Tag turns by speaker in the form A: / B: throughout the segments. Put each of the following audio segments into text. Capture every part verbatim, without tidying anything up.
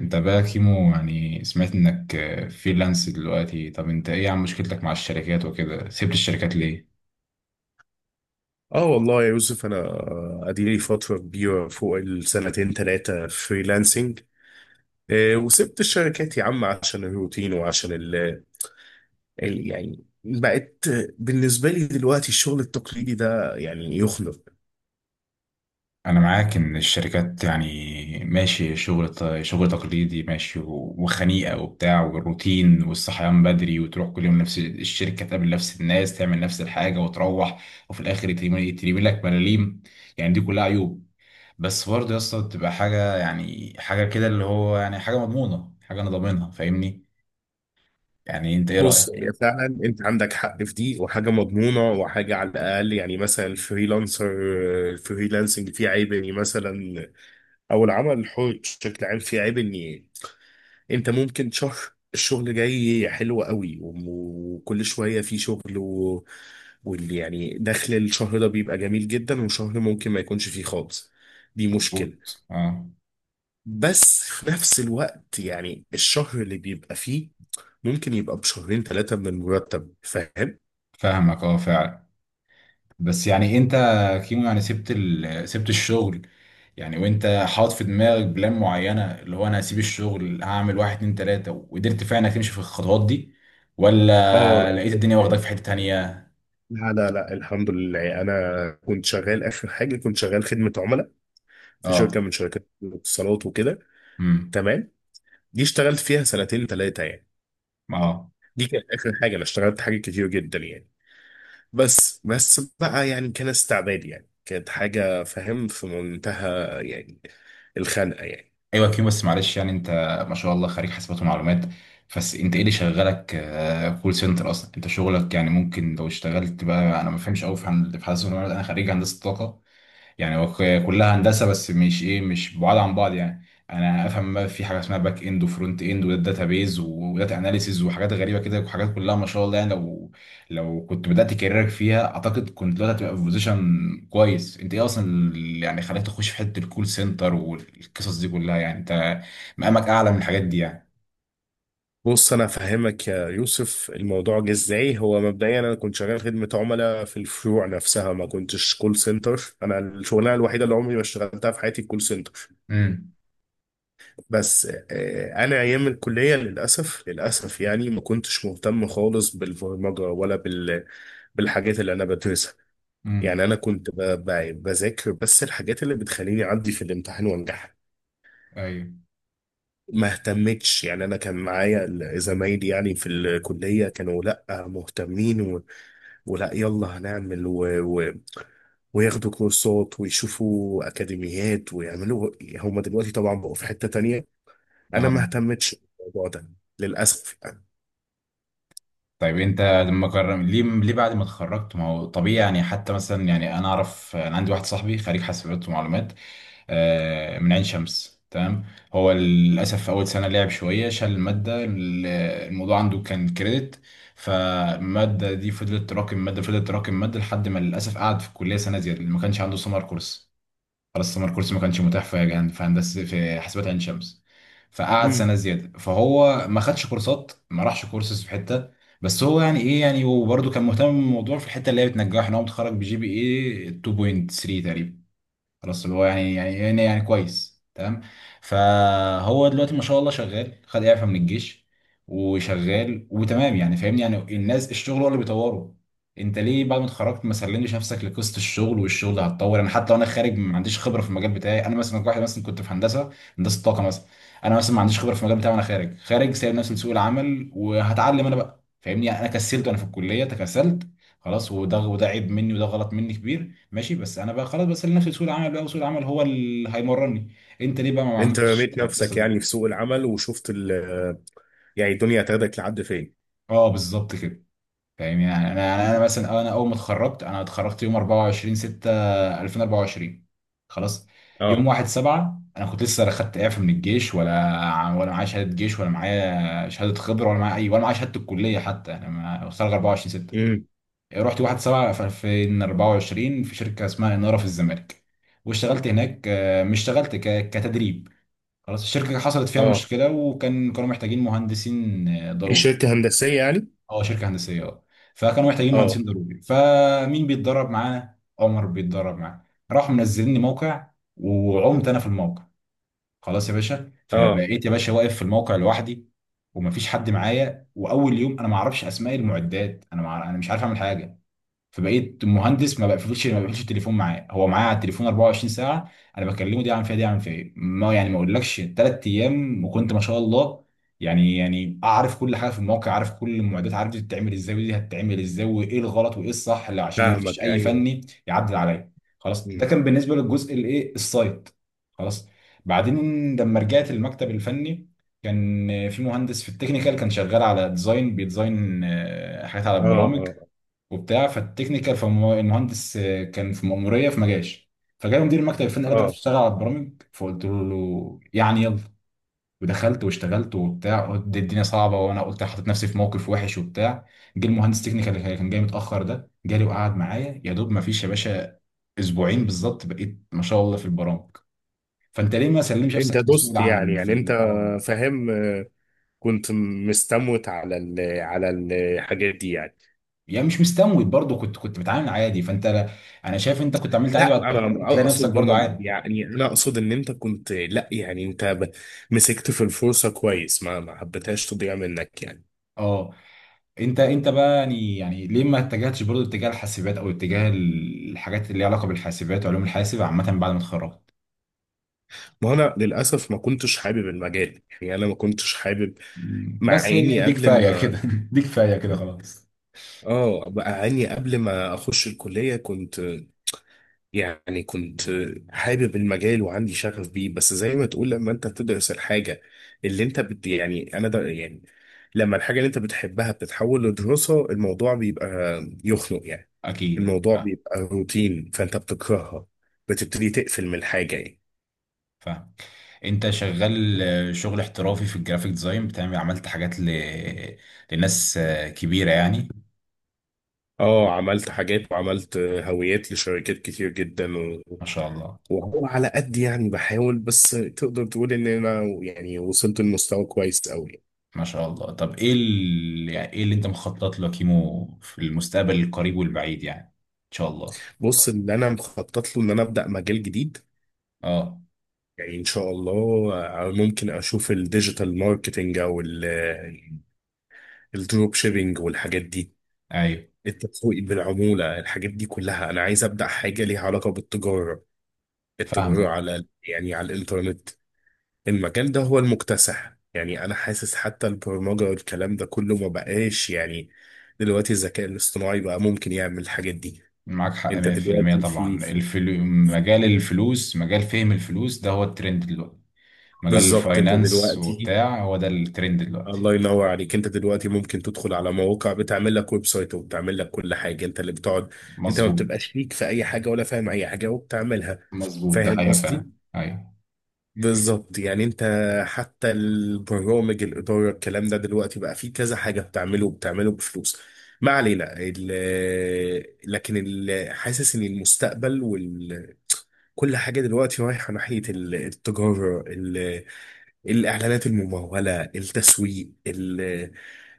A: انت بقى كيمو، يعني سمعت انك فريلانس دلوقتي. طب انت ايه عن مشكلتك مع الشركات وكده؟ سبت الشركات ليه؟
B: اه والله يا يوسف، انا اديلي فتره كبيره فوق السنتين ثلاثه فريلانسنج. آه، وسبت الشركات يا عم عشان الروتين وعشان ال ال- يعني بقت بالنسبه لي دلوقتي الشغل التقليدي ده يعني يخنق.
A: انا معاك ان الشركات يعني ماشي، شغل ت- شغل تقليدي ماشي و- وخنيقة وبتاع، والروتين والصحيان بدري، وتروح كل يوم نفس الشركة، تقابل نفس الناس، تعمل نفس الحاجة وتروح، وفي الاخر يترمي لك ملاليم. يعني دي كلها عيوب، بس برضه يا اسطى بتبقى حاجة، يعني حاجة كده اللي هو يعني حاجة مضمونة، حاجة انا ضامنها، فاهمني؟ يعني انت ايه
B: بص،
A: رأيك؟
B: هي فعلا انت عندك حق في دي، وحاجه مضمونه، وحاجه على الاقل. يعني مثلا الفريلانسر الفريلانسنج فيه عيب اني مثلا، او العمل الحر بشكل عام فيه عيب اني انت ممكن شهر الشغل جاي حلو قوي وكل شوية في شغل و... واللي يعني دخل الشهر ده بيبقى جميل جدا، وشهر ممكن ما يكونش فيه خالص. دي مشكلة.
A: مظبوط، اه.
B: بس في نفس الوقت يعني الشهر اللي بيبقى فيه ممكن يبقى بشهرين ثلاثة من المرتب، فاهم؟
A: فاهمك، اه فعلا. بس يعني انت كيمو، يعني سبت ال... سبت الشغل، يعني وانت حاطط في دماغك بلان معينة اللي هو انا هسيب الشغل هعمل واحد اتنين تلاتة، وقدرت فعلا تمشي في الخطوات دي،
B: اه
A: ولا لقيت
B: الحمد
A: الدنيا
B: لله.
A: واخداك في حتة تانية؟
B: لا لا لا الحمد لله، انا كنت شغال اخر حاجه، كنت شغال خدمه عملاء في شركه
A: اه.
B: من شركات الاتصالات وكده.
A: امم.
B: تمام. دي اشتغلت فيها سنتين ثلاثه يعني.
A: اه.
B: دي كانت اخر حاجه. انا اشتغلت حاجات كتير جدا يعني، بس بس بقى يعني كان استعباد، يعني كانت حاجه، فاهم، في منتهى يعني الخنقه يعني.
A: ايوه كيمو، بس معلش يعني انت ما شاء الله خريج حاسبات ومعلومات، بس انت ايه اللي شغلك آه، كول سنتر؟ اصلا انت شغلك يعني ممكن لو اشتغلت بقى. انا ما فهمش قوي في هن- في حاسبات ومعلومات، انا خريج هندسة طاقة، يعني هو ك- كلها هندسه، بس مش ايه، مش بعاد عن بعض يعني. انا افهم بقى في حاجه اسمها باك اند وفرونت اند وداتا بيز وداتا اناليسيز وحاجات غريبه كده، وحاجات كلها ما شاء الله. يعني لو لو كنت بدات كاريرك فيها اعتقد كنت دلوقتي هتبقى في بوزيشن كويس. انت ايه اصلا اللي يعني خلاك تخش في حته الكول سنتر والقصص دي كلها؟ يعني انت مقامك اعلى من الحاجات دي يعني.
B: بص انا افهمك يا يوسف الموضوع جه ازاي. هو مبدئيا انا كنت شغال خدمه عملاء في الفروع نفسها، ما كنتش كول سنتر. انا الشغلانه الوحيده اللي عمري ما اشتغلتها في حياتي كول سنتر،
A: امم.
B: بس. آه، انا ايام الكليه للاسف للاسف يعني ما كنتش مهتم خالص بالبرمجه ولا بال بالحاجات اللي انا بدرسها. يعني
A: امم.
B: انا كنت ب- ب- بذاكر بس الحاجات اللي بتخليني اعدي في الامتحان وانجح.
A: ايوه.
B: ما اهتمتش يعني. انا كان معايا ال- زمايلي يعني في الكليه كانوا لا مهتمين و... ولا يلا هنعمل و... و... وياخدوا كورسات ويشوفوا اكاديميات ويعملوا. هم دلوقتي طبعا بقوا في حته تانية، انا ما
A: اه.
B: اهتمتش بالموضوع ده للاسف يعني.
A: طيب انت لما قرر، ليه ليه بعد ما اتخرجت؟ ما هو طبيعي يعني، حتى مثلا يعني انا اعرف، انا عندي واحد صاحبي خريج حاسبات ومعلومات آه، من عين شمس، تمام. هو للاسف في اول سنه لعب شويه، شال الماده ال- الموضوع عنده كان كريدت، فالماده دي فضلت تراكم ماده، فضلت تراكم ماده لحد ما للاسف قعد في الكليه سنه زياده. ما كانش عنده سمر كورس، خلاص سمر كورس ما كانش متاح في جهن في هندسه، في حاسبات عين شمس، فقعد
B: مم.
A: سنه زياده، فهو ما خدش كورسات، ما راحش كورسز في حته. بس هو يعني ايه، يعني وبرده كان مهتم بالموضوع في الحته اللي هي بتنجحه، ان هو متخرج بجي بي اي اتنين فاصلة تلاتة تقريبا. خلاص اللي هو يعني يعني يعني يعني كويس، تمام. فهو دلوقتي ما شاء الله شغال، خد اعفاء من الجيش وشغال وتمام يعني، فاهمني؟ يعني الناس الشغل هو اللي بيطوره. انت ليه بعد ما اتخرجت ما سلمتش نفسك لقصه الشغل، والشغل ده هتطور؟ انا حتى وانا خارج ما عنديش خبره في المجال بتاعي، انا مثلا واحد مثلا كنت في هندسه، هندسه طاقه مثلا، انا مثلا ما عنديش خبره في المجال بتاعي وانا خارج. خارج، سايب نفسي لسوق العمل وهتعلم انا بقى، فاهمني؟ يعني انا كسلت وانا في الكليه، تكسلت خلاص، وده وده عيب مني، وده غلط مني كبير، ماشي، بس انا بقى خلاص، بس انا نفسي سوق العمل بقى، وسوق العمل هو اللي هيمرني. انت ليه بقى ما
B: انت
A: عملتش
B: رميت
A: القصه
B: نفسك يعني في
A: دي؟
B: سوق العمل، وشفت ال... يعني الدنيا هتاخدك لحد فين.
A: اه بالظبط كده. فاهمني؟ يعني انا انا أنا مثلا، انا اول ما اتخرجت انا اتخرجت يوم اربعه وعشرين سته الفين واربعه وعشرين، خلاص. يوم
B: اه.
A: واحد سبعة انا كنت لسه لا خدت اعفاء من الجيش ولا، ولا معايا شهاده جيش، ولا معايا شهاده خبره، ولا معايا اي، ولا معايا شهاده الكليه حتى، انا ما- اتخرج اربعة وعشرين ستة،
B: امم.
A: رحت واحد سبعة في الفين واربعه وعشرين في شركه اسمها اناره في الزمالك، واشتغلت هناك آه، مش اشتغلت ك- كتدريب، خلاص. الشركة حصلت فيها
B: اه.
A: مشكلة، وكان كانوا محتاجين مهندسين آه،
B: دي
A: ضروري.
B: شركة هندسية يعني؟
A: اه، شركة هندسية، اه. فكانوا محتاجين
B: اه.
A: مهندسين ضروري، فمين بيتدرب معانا؟ عمر بيتدرب معانا. راحوا منزليني موقع، وعمت انا في الموقع، خلاص يا باشا.
B: اه.
A: فبقيت يا باشا واقف في الموقع لوحدي، ومفيش حد معايا، واول يوم انا ما اعرفش اسماء المعدات، انا مع... انا مش عارف اعمل حاجة. فبقيت مهندس ما بقفلش ما بقفلش التليفون معاه، هو معاه على التليفون اربعة وعشرين ساعه، انا بكلمه دي عن فيها دي عن فيها إيه. ما يعني ما اقولكش تلات ايام وكنت ما شاء الله، يعني يعني اعرف كل حاجه في الموقع، عارف كل المعدات، عارف دي بتتعمل ازاي ودي هتتعمل ازاي، وايه الغلط وايه الصح، اللي عشان ما فيش
B: فاهمك،
A: اي
B: ايوه.
A: فني يعدل عليا. خلاص ده
B: مم.
A: كان بالنسبه للجزء الايه، السايت، خلاص. بعدين لما رجعت المكتب الفني، كان في مهندس في التكنيكال كان شغال على ديزاين، بيديزاين آه، حاجات على
B: اه.
A: البرامج
B: اه.
A: وبتاع. فالتكنيكال، فالمهندس آه، كان في مأمورية فما جاش، فجاله مدير المكتب الفني قال لي تعرف
B: اه.
A: تشتغل على البرامج؟ فقلت له يعني يلا، ودخلت واشتغلت وبتاع، قلت دي الدنيا صعبه، وانا قلت حطيت نفسي في موقف وحش وبتاع. جه المهندس تكنيكال اللي كان جاي متاخر ده، جالي وقعد معايا يا دوب، ما فيش يا باشا اسبوعين بالظبط، بقيت ما شاء الله في البرامج. فانت ليه ما سلمش
B: انت
A: نفسك لسوق
B: دوست يعني،
A: العمل
B: يعني
A: في
B: انت
A: ال، اه،
B: فاهم، آه، كنت مستموت على ال على الحاجات دي يعني؟
A: يعني مش مستموت، برضه كنت كنت بتعامل عادي. فانت لا- انا شايف انت كنت عملت عادي، بعد
B: لا،
A: التخرج
B: انا
A: تلاقي نفسك
B: اقصد
A: برضه
B: بم-
A: عادي.
B: يعني انا اقصد ان انت كنت، لا يعني انت ب- مسكت في الفرصة كويس، ما ما حبيتهاش تضيع منك يعني.
A: اه. انت انت بقى يعني يعني ليه ما اتجهتش برضو اتجاه الحاسبات، او اتجاه الحاجات اللي ليها علاقه بالحاسبات وعلوم الحاسب عامه بعد ما اتخرجت؟
B: ما انا للاسف ما كنتش حابب المجال يعني، انا ما كنتش حابب، مع
A: بس هي
B: اني
A: دي
B: قبل
A: كفايه
B: ما،
A: كده دي كفايه كده خلاص.
B: اه، بقى اني قبل ما اخش الكليه كنت، يعني كنت حابب المجال وعندي شغف بيه. بس زي ما تقول، لما انت بتدرس الحاجة اللي انت بت، يعني انا ده يعني لما الحاجة اللي انت بتحبها بتتحول لدراسة، الموضوع بيبقى يخنق يعني.
A: اكيد
B: الموضوع
A: فاهم.
B: بيبقى روتين، فانت بتكرهها، بتبتدي تقفل من الحاجة يعني.
A: فاهم. انت شغال آه، شغل احترافي في الجرافيك ديزاين، بتعمل، عملت حاجات ل... لناس آه، كبيره يعني.
B: اه، عملت حاجات، وعملت هويات لشركات كتير جدا و...
A: ما شاء الله.
B: وهو على قد يعني بحاول، بس تقدر تقول ان انا يعني وصلت لمستوى كويس قوي.
A: ما شاء الله. طب ايه ال... يعني ايه اللي انت مخطط له يا كيمو في المستقبل القريب والبعيد يعني ان شاء الله؟
B: بص اللي انا مخطط له ان انا ابدا مجال جديد.
A: اه.
B: يعني ان شاء الله آه، ممكن اشوف الديجيتال ماركتنج، او الدروب شيبينج والحاجات دي،
A: ايوه.
B: التسويق بالعموله، الحاجات دي كلها. انا عايز ابدا حاجه ليها علاقه بالتجاره، التجاره
A: فاهمك.
B: على يعني على الانترنت. المجال ده هو المكتسح يعني. انا حاسس حتى البرمجه والكلام ده كله ما بقاش يعني، دلوقتي الذكاء الاصطناعي بقى ممكن يعمل الحاجات دي.
A: معاك حق
B: انت
A: مية في المية
B: دلوقتي في،
A: طبعا. الفلو... مجال الفلوس، مجال فهم الفلوس ده هو الترند دلوقتي، مجال
B: بالظبط انت
A: الفاينانس
B: دلوقتي،
A: وبتاع، هو ده الترند دلوقتي.
B: الله ينور عليك، انت دلوقتي ممكن تدخل على مواقع بتعمل لك ويب سايت وبتعمل لك كل حاجه، انت اللي بتقعد. انت ما
A: مظبوط.
B: بتبقاش ليك في اي حاجه، ولا فاهم اي حاجه، وبتعملها.
A: مظبوط، ده
B: فاهم
A: حقيقة فعلا.
B: قصدي؟
A: ايوه.
B: بالظبط يعني. انت حتى البرامج، الاداره، الكلام ده دلوقتي بقى فيه كذا حاجه بتعمله، وبتعمله بفلوس. ما علينا. ال- لكن ال- حاسس ان المستقبل وكل حاجه دلوقتي رايحه ناحيه ال- التجاره، الاعلانات الممولة، التسويق ال-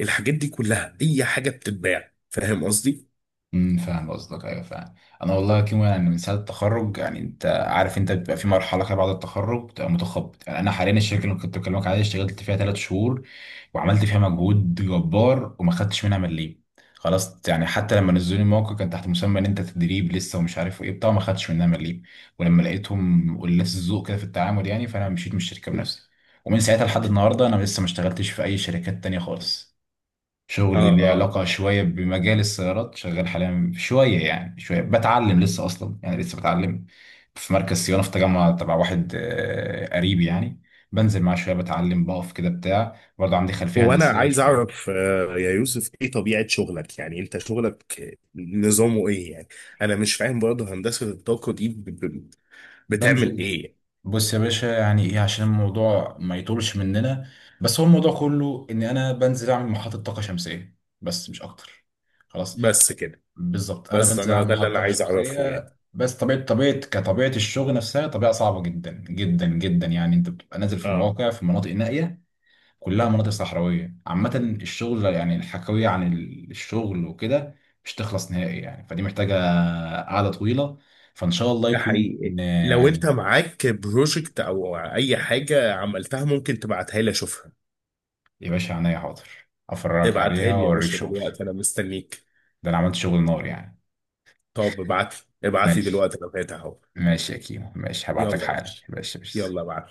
B: الحاجات دي كلها، اي حاجة بتتباع. فاهم قصدي؟
A: امم، فاهم قصدك، ايوه فاهم. انا والله كيمو، يعني من ساعه التخرج، يعني انت عارف، انت بيبقى في مرحله كده بعد التخرج، بتبقى متخبط يعني. انا حاليا الشركه اللي كنت بكلمك عليها اشتغلت فيها ثلاث شهور، وعملت فيها مجهود جبار، وما خدتش منها مليم، خلاص. يعني حتى لما نزلوني الموقع كان تحت مسمى ان انت تدريب لسه، ومش عارف ايه بتاع، ما خدتش منها مليم. ولما لقيتهم قلاس الذوق كده في التعامل يعني، فانا مشيت من الشركه بنفسي. ومن ساعتها لحد النهارده انا لسه ما اشتغلتش في اي شركات تانية خالص.
B: اه.
A: شغلي ليه
B: اه.
A: علاقة شوية بمجال السيارات، شغال حاليا شوية يعني، شوية بتعلم لسه أصلا يعني، لسه بتعلم في مركز صيانة في تجمع تبع واحد آه، قريبي يعني، بنزل معاه شوية بتعلم، بقف كده بتاع، برضه عندي خلفية
B: هو انا
A: هندسية
B: عايز
A: شوية.
B: اعرف، آه، يا يوسف، ايه طبيعة شغلك؟ يعني انت شغلك نظامه ايه يعني؟ انا مش فاهم برضه هندسة الطاقة دي ب- ب- بتعمل
A: بنزل،
B: ايه يعني؟
A: بص يا باشا يعني إيه، عشان الموضوع ما يطولش مننا، بس هو الموضوع كله إن أنا بنزل أعمل محطة طاقة شمسية، بس مش أكتر، خلاص.
B: بس كده؟
A: بالظبط، انا
B: بس
A: بنزل
B: انا
A: اعمل
B: ده اللي انا
A: محطه
B: عايز اعرفه
A: شمسيه
B: يعني.
A: بس. طبيعه، طبيعه، كطبيعه الشغل نفسها، طبيعه صعبه جدا جدا جدا، يعني انت بتبقى نازل في
B: اه.
A: مواقع، في مناطق نائيه، كلها مناطق صحراويه عامه. الشغل يعني، الحكاويه عن الشغل وكده مش تخلص نهائي يعني، فدي محتاجه قعده طويله، فان شاء الله
B: ده
A: يكون
B: حقيقي.
A: آه،
B: لو انت
A: يعني.
B: معاك بروجكت او اي حاجة عملتها ممكن تبعتها لي اشوفها.
A: يا باشا عينيا، حاضر افرجك
B: ابعتها
A: عليها
B: لي يا
A: واوريك
B: باشا،
A: شغلي،
B: دلوقتي انا مستنيك.
A: ده انا عملت شغل نار يعني.
B: طب ابعت، ابعت لي
A: ماشي.
B: دلوقتي، انا فاتح اهو.
A: ماشي يا كيمو، ماشي هبعت لك
B: يلا يا
A: حالا،
B: باشا،
A: ماشي بس.
B: يلا ابعت.